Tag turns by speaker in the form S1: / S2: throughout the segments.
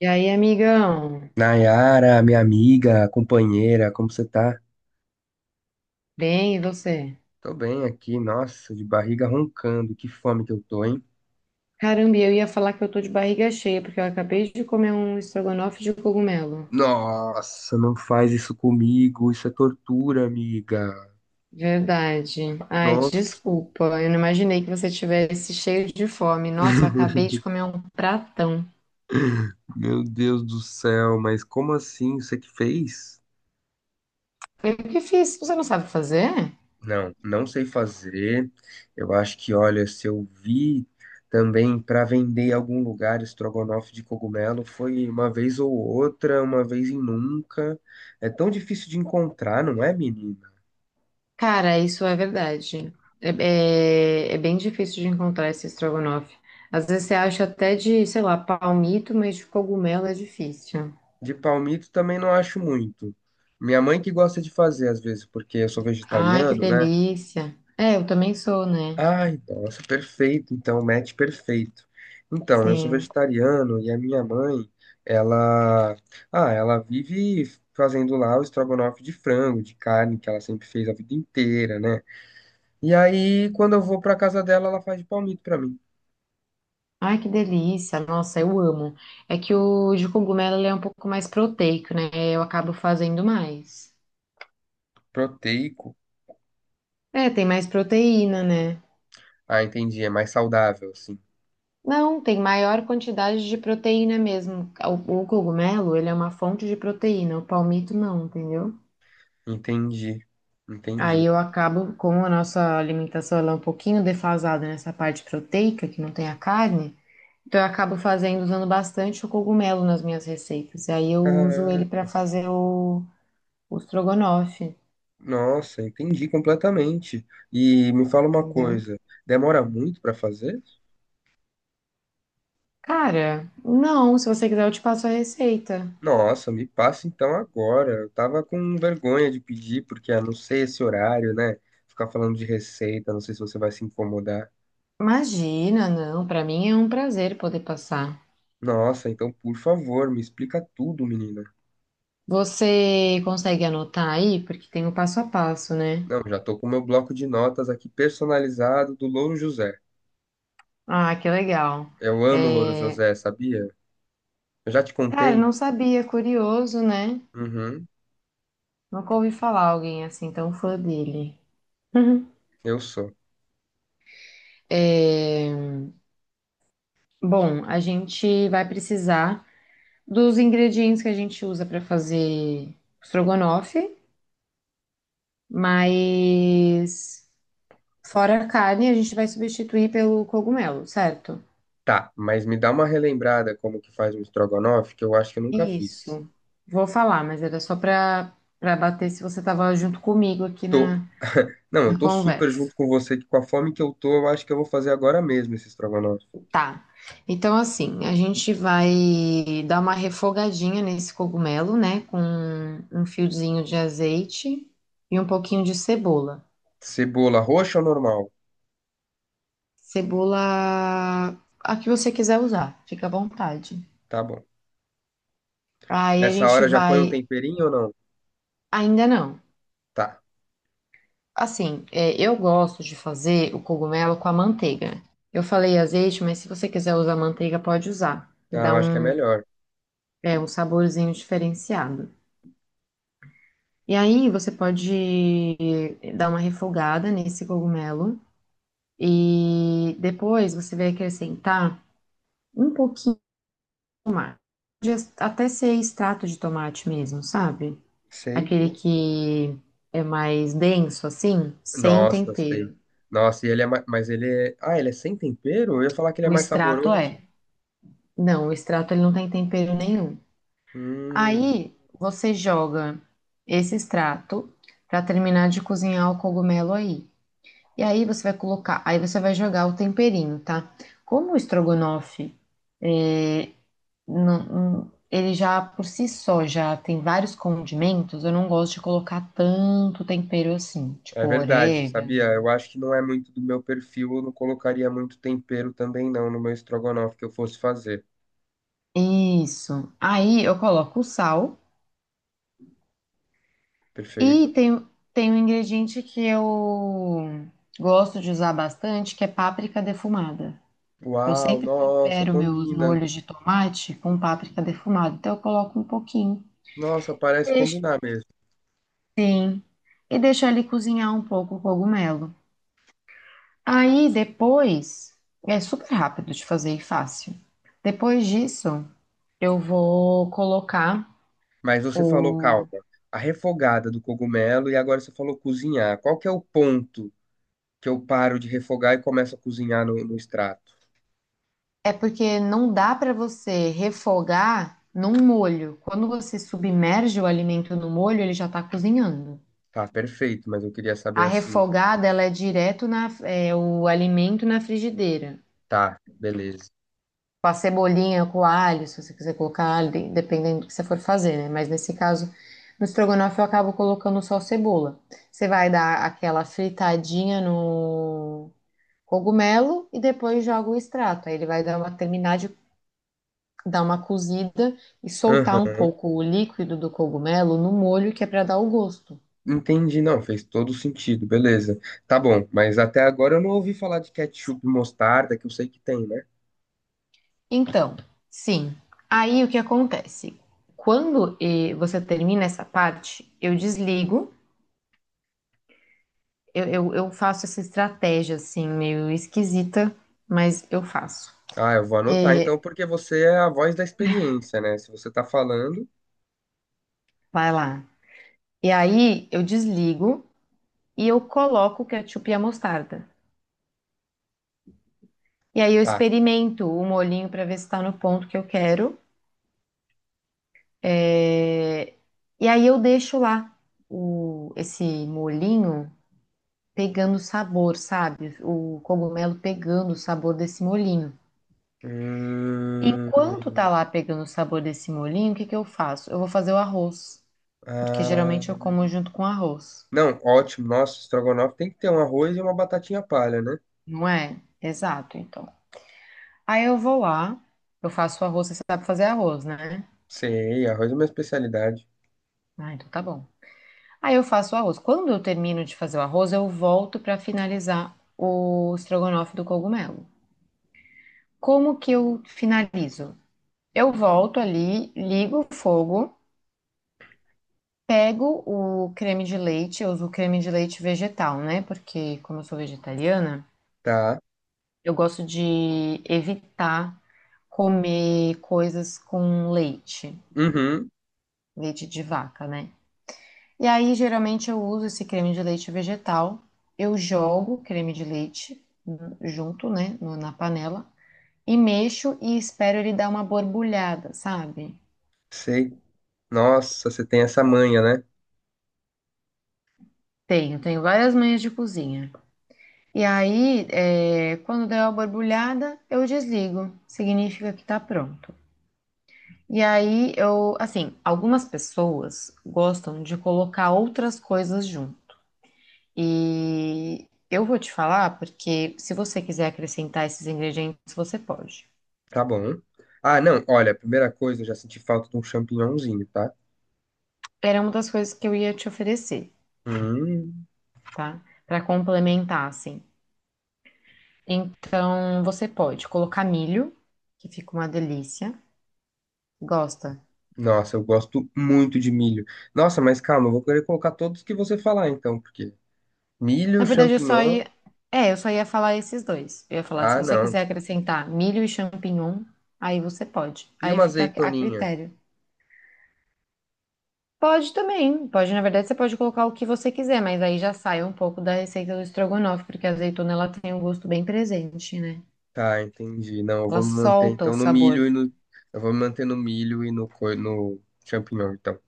S1: E aí, amigão?
S2: Nayara, minha amiga, companheira, como você tá?
S1: Bem, e você?
S2: Tô bem aqui, nossa, de barriga roncando, que fome que eu tô, hein?
S1: Caramba, eu ia falar que eu tô de barriga cheia, porque eu acabei de comer um estrogonofe de cogumelo.
S2: Nossa, não faz isso comigo, isso é tortura, amiga.
S1: Verdade. Ai,
S2: Nossa,
S1: desculpa. Eu não imaginei que você tivesse cheio de fome. Nossa, eu acabei de comer um pratão.
S2: meu Deus do céu, mas como assim? Você que fez?
S1: Eu que fiz? Você não sabe fazer?
S2: Não, não sei fazer. Eu acho que, olha, se eu vi também para vender em algum lugar estrogonofe de cogumelo, foi uma vez ou outra, uma vez e nunca. É tão difícil de encontrar, não é, menina?
S1: Cara, isso é verdade. É, é bem difícil de encontrar esse estrogonofe. Às vezes você acha até de, sei lá, palmito, mas de cogumelo é difícil.
S2: De palmito também não acho muito. Minha mãe que gosta de fazer às vezes, porque eu sou
S1: Ai, que
S2: vegetariano, né?
S1: delícia. É, eu também sou, né?
S2: Ai, nossa, perfeito. Então, match perfeito. Então, eu sou
S1: Sim.
S2: vegetariano e a minha mãe, ela, ela vive fazendo lá o estrogonofe de frango, de carne, que ela sempre fez a vida inteira, né? E aí, quando eu vou pra casa dela, ela faz de palmito pra mim.
S1: Ai, que delícia. Nossa, eu amo. É que o de cogumelo ele é um pouco mais proteico, né? Eu acabo fazendo mais.
S2: Proteico.
S1: É, tem mais proteína, né?
S2: Ah, entendi. É mais saudável, assim.
S1: Não, tem maior quantidade de proteína mesmo. O cogumelo, ele é uma fonte de proteína, o palmito não, entendeu?
S2: Entendi. Entendi.
S1: Aí eu acabo, como a nossa alimentação ela é um pouquinho defasada nessa parte proteica, que não tem a carne, então eu acabo fazendo, usando bastante o cogumelo nas minhas receitas. E aí eu uso ele para
S2: Caraca.
S1: fazer o estrogonofe,
S2: Nossa, entendi completamente. E me fala uma
S1: entendeu?
S2: coisa, demora muito pra fazer?
S1: Cara, não, se você quiser eu te passo a receita.
S2: Nossa, me passa então agora. Eu tava com vergonha de pedir, porque a não sei esse horário, né? Ficar falando de receita, não sei se você vai se incomodar.
S1: Imagina, não, para mim é um prazer poder passar.
S2: Nossa, então por favor, me explica tudo, menina.
S1: Você consegue anotar aí? Porque tem o passo a passo, né?
S2: Não, já tô com meu bloco de notas aqui personalizado do Louro José.
S1: Ah, que legal.
S2: Eu amo Louro
S1: É,
S2: José, sabia? Eu já te
S1: cara,
S2: contei?
S1: não sabia, curioso, né?
S2: Uhum,
S1: Nunca ouvi falar alguém assim tão fã dele.
S2: eu sou.
S1: É, bom, a gente vai precisar dos ingredientes que a gente usa para fazer estrogonofe, mas fora a carne, a gente vai substituir pelo cogumelo, certo?
S2: Tá, mas me dá uma relembrada como que faz um estrogonofe, que eu acho que eu nunca fiz.
S1: Isso. Vou falar, mas era só para bater se você estava junto comigo aqui
S2: Tô.
S1: na,
S2: Não, eu
S1: na
S2: tô super
S1: conversa.
S2: junto com você, que com a fome que eu tô, eu acho que eu vou fazer agora mesmo esse estrogonofe.
S1: Tá. Então, assim, a gente vai dar uma refogadinha nesse cogumelo, né? Com um fiozinho de azeite e um pouquinho de cebola.
S2: Cebola roxa ou normal?
S1: Cebola, a que você quiser usar, fica à vontade.
S2: Tá bom.
S1: Aí a
S2: Nessa
S1: gente
S2: hora já põe um
S1: vai.
S2: temperinho ou não?
S1: Ainda não.
S2: Tá.
S1: Assim, eu gosto de fazer o cogumelo com a manteiga. Eu falei azeite, mas se você quiser usar manteiga, pode usar. Que
S2: Ah,
S1: dá
S2: eu acho que é
S1: um,
S2: melhor.
S1: um saborzinho diferenciado. E aí você pode dar uma refogada nesse cogumelo. E depois você vai acrescentar um pouquinho mais. Pode até ser extrato de tomate mesmo, sabe?
S2: Sei.
S1: Aquele que é mais denso, assim, sem
S2: Nossa, sei.
S1: tempero.
S2: Nossa, e ele é mais... Mas ele é... Ah, ele é sem tempero? Eu ia falar que ele é
S1: O
S2: mais
S1: extrato
S2: saboroso.
S1: é. Não, o extrato ele não tem tempero nenhum.
S2: Hum,
S1: Aí você joga esse extrato para terminar de cozinhar o cogumelo aí. E aí você vai colocar, aí você vai jogar o temperinho, tá? Como o estrogonofe, é, ele já por si só já tem vários condimentos, eu não gosto de colocar tanto tempero assim,
S2: é
S1: tipo
S2: verdade,
S1: orégano.
S2: sabia? Eu acho que não é muito do meu perfil. Eu não colocaria muito tempero também não no meu estrogonofe que eu fosse fazer.
S1: Isso. Aí eu coloco o sal e
S2: Perfeito?
S1: tem um ingrediente que eu gosto de usar bastante, que é páprica defumada. Eu
S2: Uau,
S1: sempre
S2: nossa,
S1: tempero meus
S2: combina.
S1: molhos de tomate com páprica defumada, então eu coloco um pouquinho
S2: Nossa,
S1: e
S2: parece
S1: deixo,
S2: combinar mesmo.
S1: e deixo ali cozinhar um pouco o cogumelo. Aí depois, é super rápido de fazer e fácil. Depois disso, eu vou colocar
S2: Mas você falou, calma,
S1: o...
S2: a refogada do cogumelo e agora você falou cozinhar. Qual que é o ponto que eu paro de refogar e começo a cozinhar no extrato?
S1: É porque não dá para você refogar num molho. Quando você submerge o alimento no molho, ele já está cozinhando.
S2: Tá, perfeito, mas eu queria
S1: A
S2: saber assim.
S1: refogada, ela é direto na, o alimento na frigideira.
S2: Tá, beleza.
S1: Com a cebolinha, com o alho, se você quiser colocar alho, dependendo do que você for fazer, né? Mas nesse caso, no estrogonofe eu acabo colocando só cebola. Você vai dar aquela fritadinha no cogumelo e depois joga o extrato. Aí ele vai dar uma terminar de dar uma cozida e soltar um
S2: Aham,
S1: pouco o líquido do cogumelo no molho que é para dar o gosto.
S2: entendi. Não, fez todo sentido, beleza. Tá bom, mas até agora eu não ouvi falar de ketchup e mostarda, que eu sei que tem, né?
S1: Então, sim, aí o que acontece? Quando você termina essa parte, eu desligo, eu faço essa estratégia assim, meio esquisita, mas eu faço.
S2: Ah, eu vou anotar
S1: Eh,
S2: então, porque você é a voz da experiência, né? Se você tá falando,
S1: Vai lá. E aí eu desligo e eu coloco o ketchup e a mostarda. E aí eu
S2: tá.
S1: experimento o molhinho para ver se está no ponto que eu quero. É, e aí eu deixo lá o... esse molinho pegando o sabor, sabe? O cogumelo pegando o sabor desse molinho. Enquanto tá
S2: Hum,
S1: lá pegando o sabor desse molinho, o que que eu faço? Eu vou fazer o arroz, porque
S2: ah.
S1: geralmente eu como junto com arroz,
S2: Não, ótimo. Nossa, estrogonofe tem que ter um arroz e uma batatinha palha, né?
S1: não é? Exato, então. Aí eu vou lá, eu faço o arroz, você sabe fazer arroz, né?
S2: Sei, arroz é minha especialidade.
S1: Ah, então tá bom. Aí eu faço o arroz. Quando eu termino de fazer o arroz, eu volto para finalizar o estrogonofe do cogumelo. Como que eu finalizo? Eu volto ali, ligo o fogo, pego o creme de leite, eu uso o creme de leite vegetal, né? Porque como eu sou vegetariana,
S2: Tá.
S1: eu gosto de evitar comer coisas com leite,
S2: Uhum,
S1: leite de vaca, né? E aí geralmente eu uso esse creme de leite vegetal, eu jogo o creme de leite junto, né, na panela e mexo e espero ele dar uma borbulhada, sabe?
S2: sei. Nossa, você tem essa manha, né?
S1: Tenho, tenho várias manhas de cozinha. E aí, quando der uma borbulhada, eu desligo. Significa que tá pronto. E aí, eu, assim, algumas pessoas gostam de colocar outras coisas junto. E eu vou te falar, porque se você quiser acrescentar esses ingredientes, você pode.
S2: Tá bom. Ah, não, olha, a primeira coisa, eu já senti falta de um champignonzinho, tá?
S1: Era uma das coisas que eu ia te oferecer,
S2: Hum,
S1: tá? Pra complementar, assim. Então, você pode colocar milho, que fica uma delícia. Gosta?
S2: nossa, eu gosto muito de milho. Nossa, mas calma, eu vou querer colocar todos que você falar então, porque
S1: Na
S2: milho,
S1: verdade, eu só
S2: champignon.
S1: ia. É, eu só ia falar esses dois. Eu ia falar, se
S2: Ah,
S1: você
S2: não.
S1: quiser acrescentar milho e champignon, aí você pode.
S2: E
S1: Aí
S2: uma
S1: fica a
S2: azeitoninha?
S1: critério. Pode também. Pode, na verdade, você pode colocar o que você quiser, mas aí já sai um pouco da receita do estrogonofe, porque a azeitona ela tem um gosto bem presente, né?
S2: Tá, entendi. Não, eu
S1: Ela
S2: vou me manter
S1: solta o
S2: então no
S1: sabor.
S2: milho e no. Eu vou me manter no milho e no, co- no champignon, então.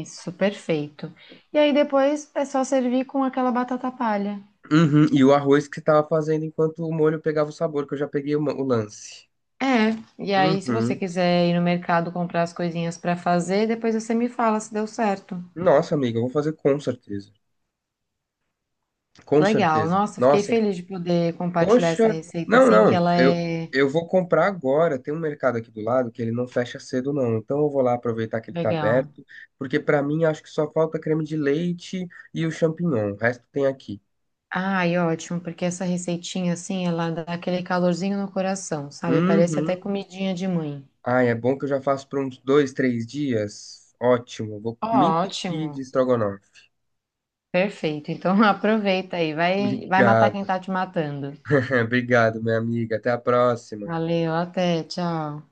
S1: Isso, perfeito. E aí depois é só servir com aquela batata palha.
S2: Uhum, e o arroz que você tava fazendo enquanto o molho pegava o sabor, que eu já peguei o, ma- o lance.
S1: É, e aí se você
S2: Uhum.
S1: quiser ir no mercado comprar as coisinhas pra fazer, depois você me fala se deu certo.
S2: Nossa, amiga, eu vou fazer com certeza. Com
S1: Legal.
S2: certeza.
S1: Nossa, fiquei
S2: Nossa,
S1: feliz de poder compartilhar essa
S2: poxa.
S1: receita
S2: Não,
S1: assim, que
S2: não.
S1: ela é
S2: Eu vou comprar agora. Tem um mercado aqui do lado que ele não fecha cedo, não. Então eu vou lá aproveitar que ele tá
S1: legal.
S2: aberto, porque pra mim acho que só falta creme de leite e o champignon. O resto tem aqui.
S1: Ai, ótimo, porque essa receitinha assim, ela dá aquele calorzinho no coração, sabe? Parece até
S2: Uhum.
S1: comidinha de mãe.
S2: Ai, é bom que eu já faço por uns dois, três dias. Ótimo, vou me entupir de
S1: Ótimo.
S2: estrogonofe.
S1: Perfeito. Então aproveita aí, vai matar quem
S2: Obrigado,
S1: tá te matando.
S2: obrigado, minha amiga. Até a próxima.
S1: Valeu, até, tchau.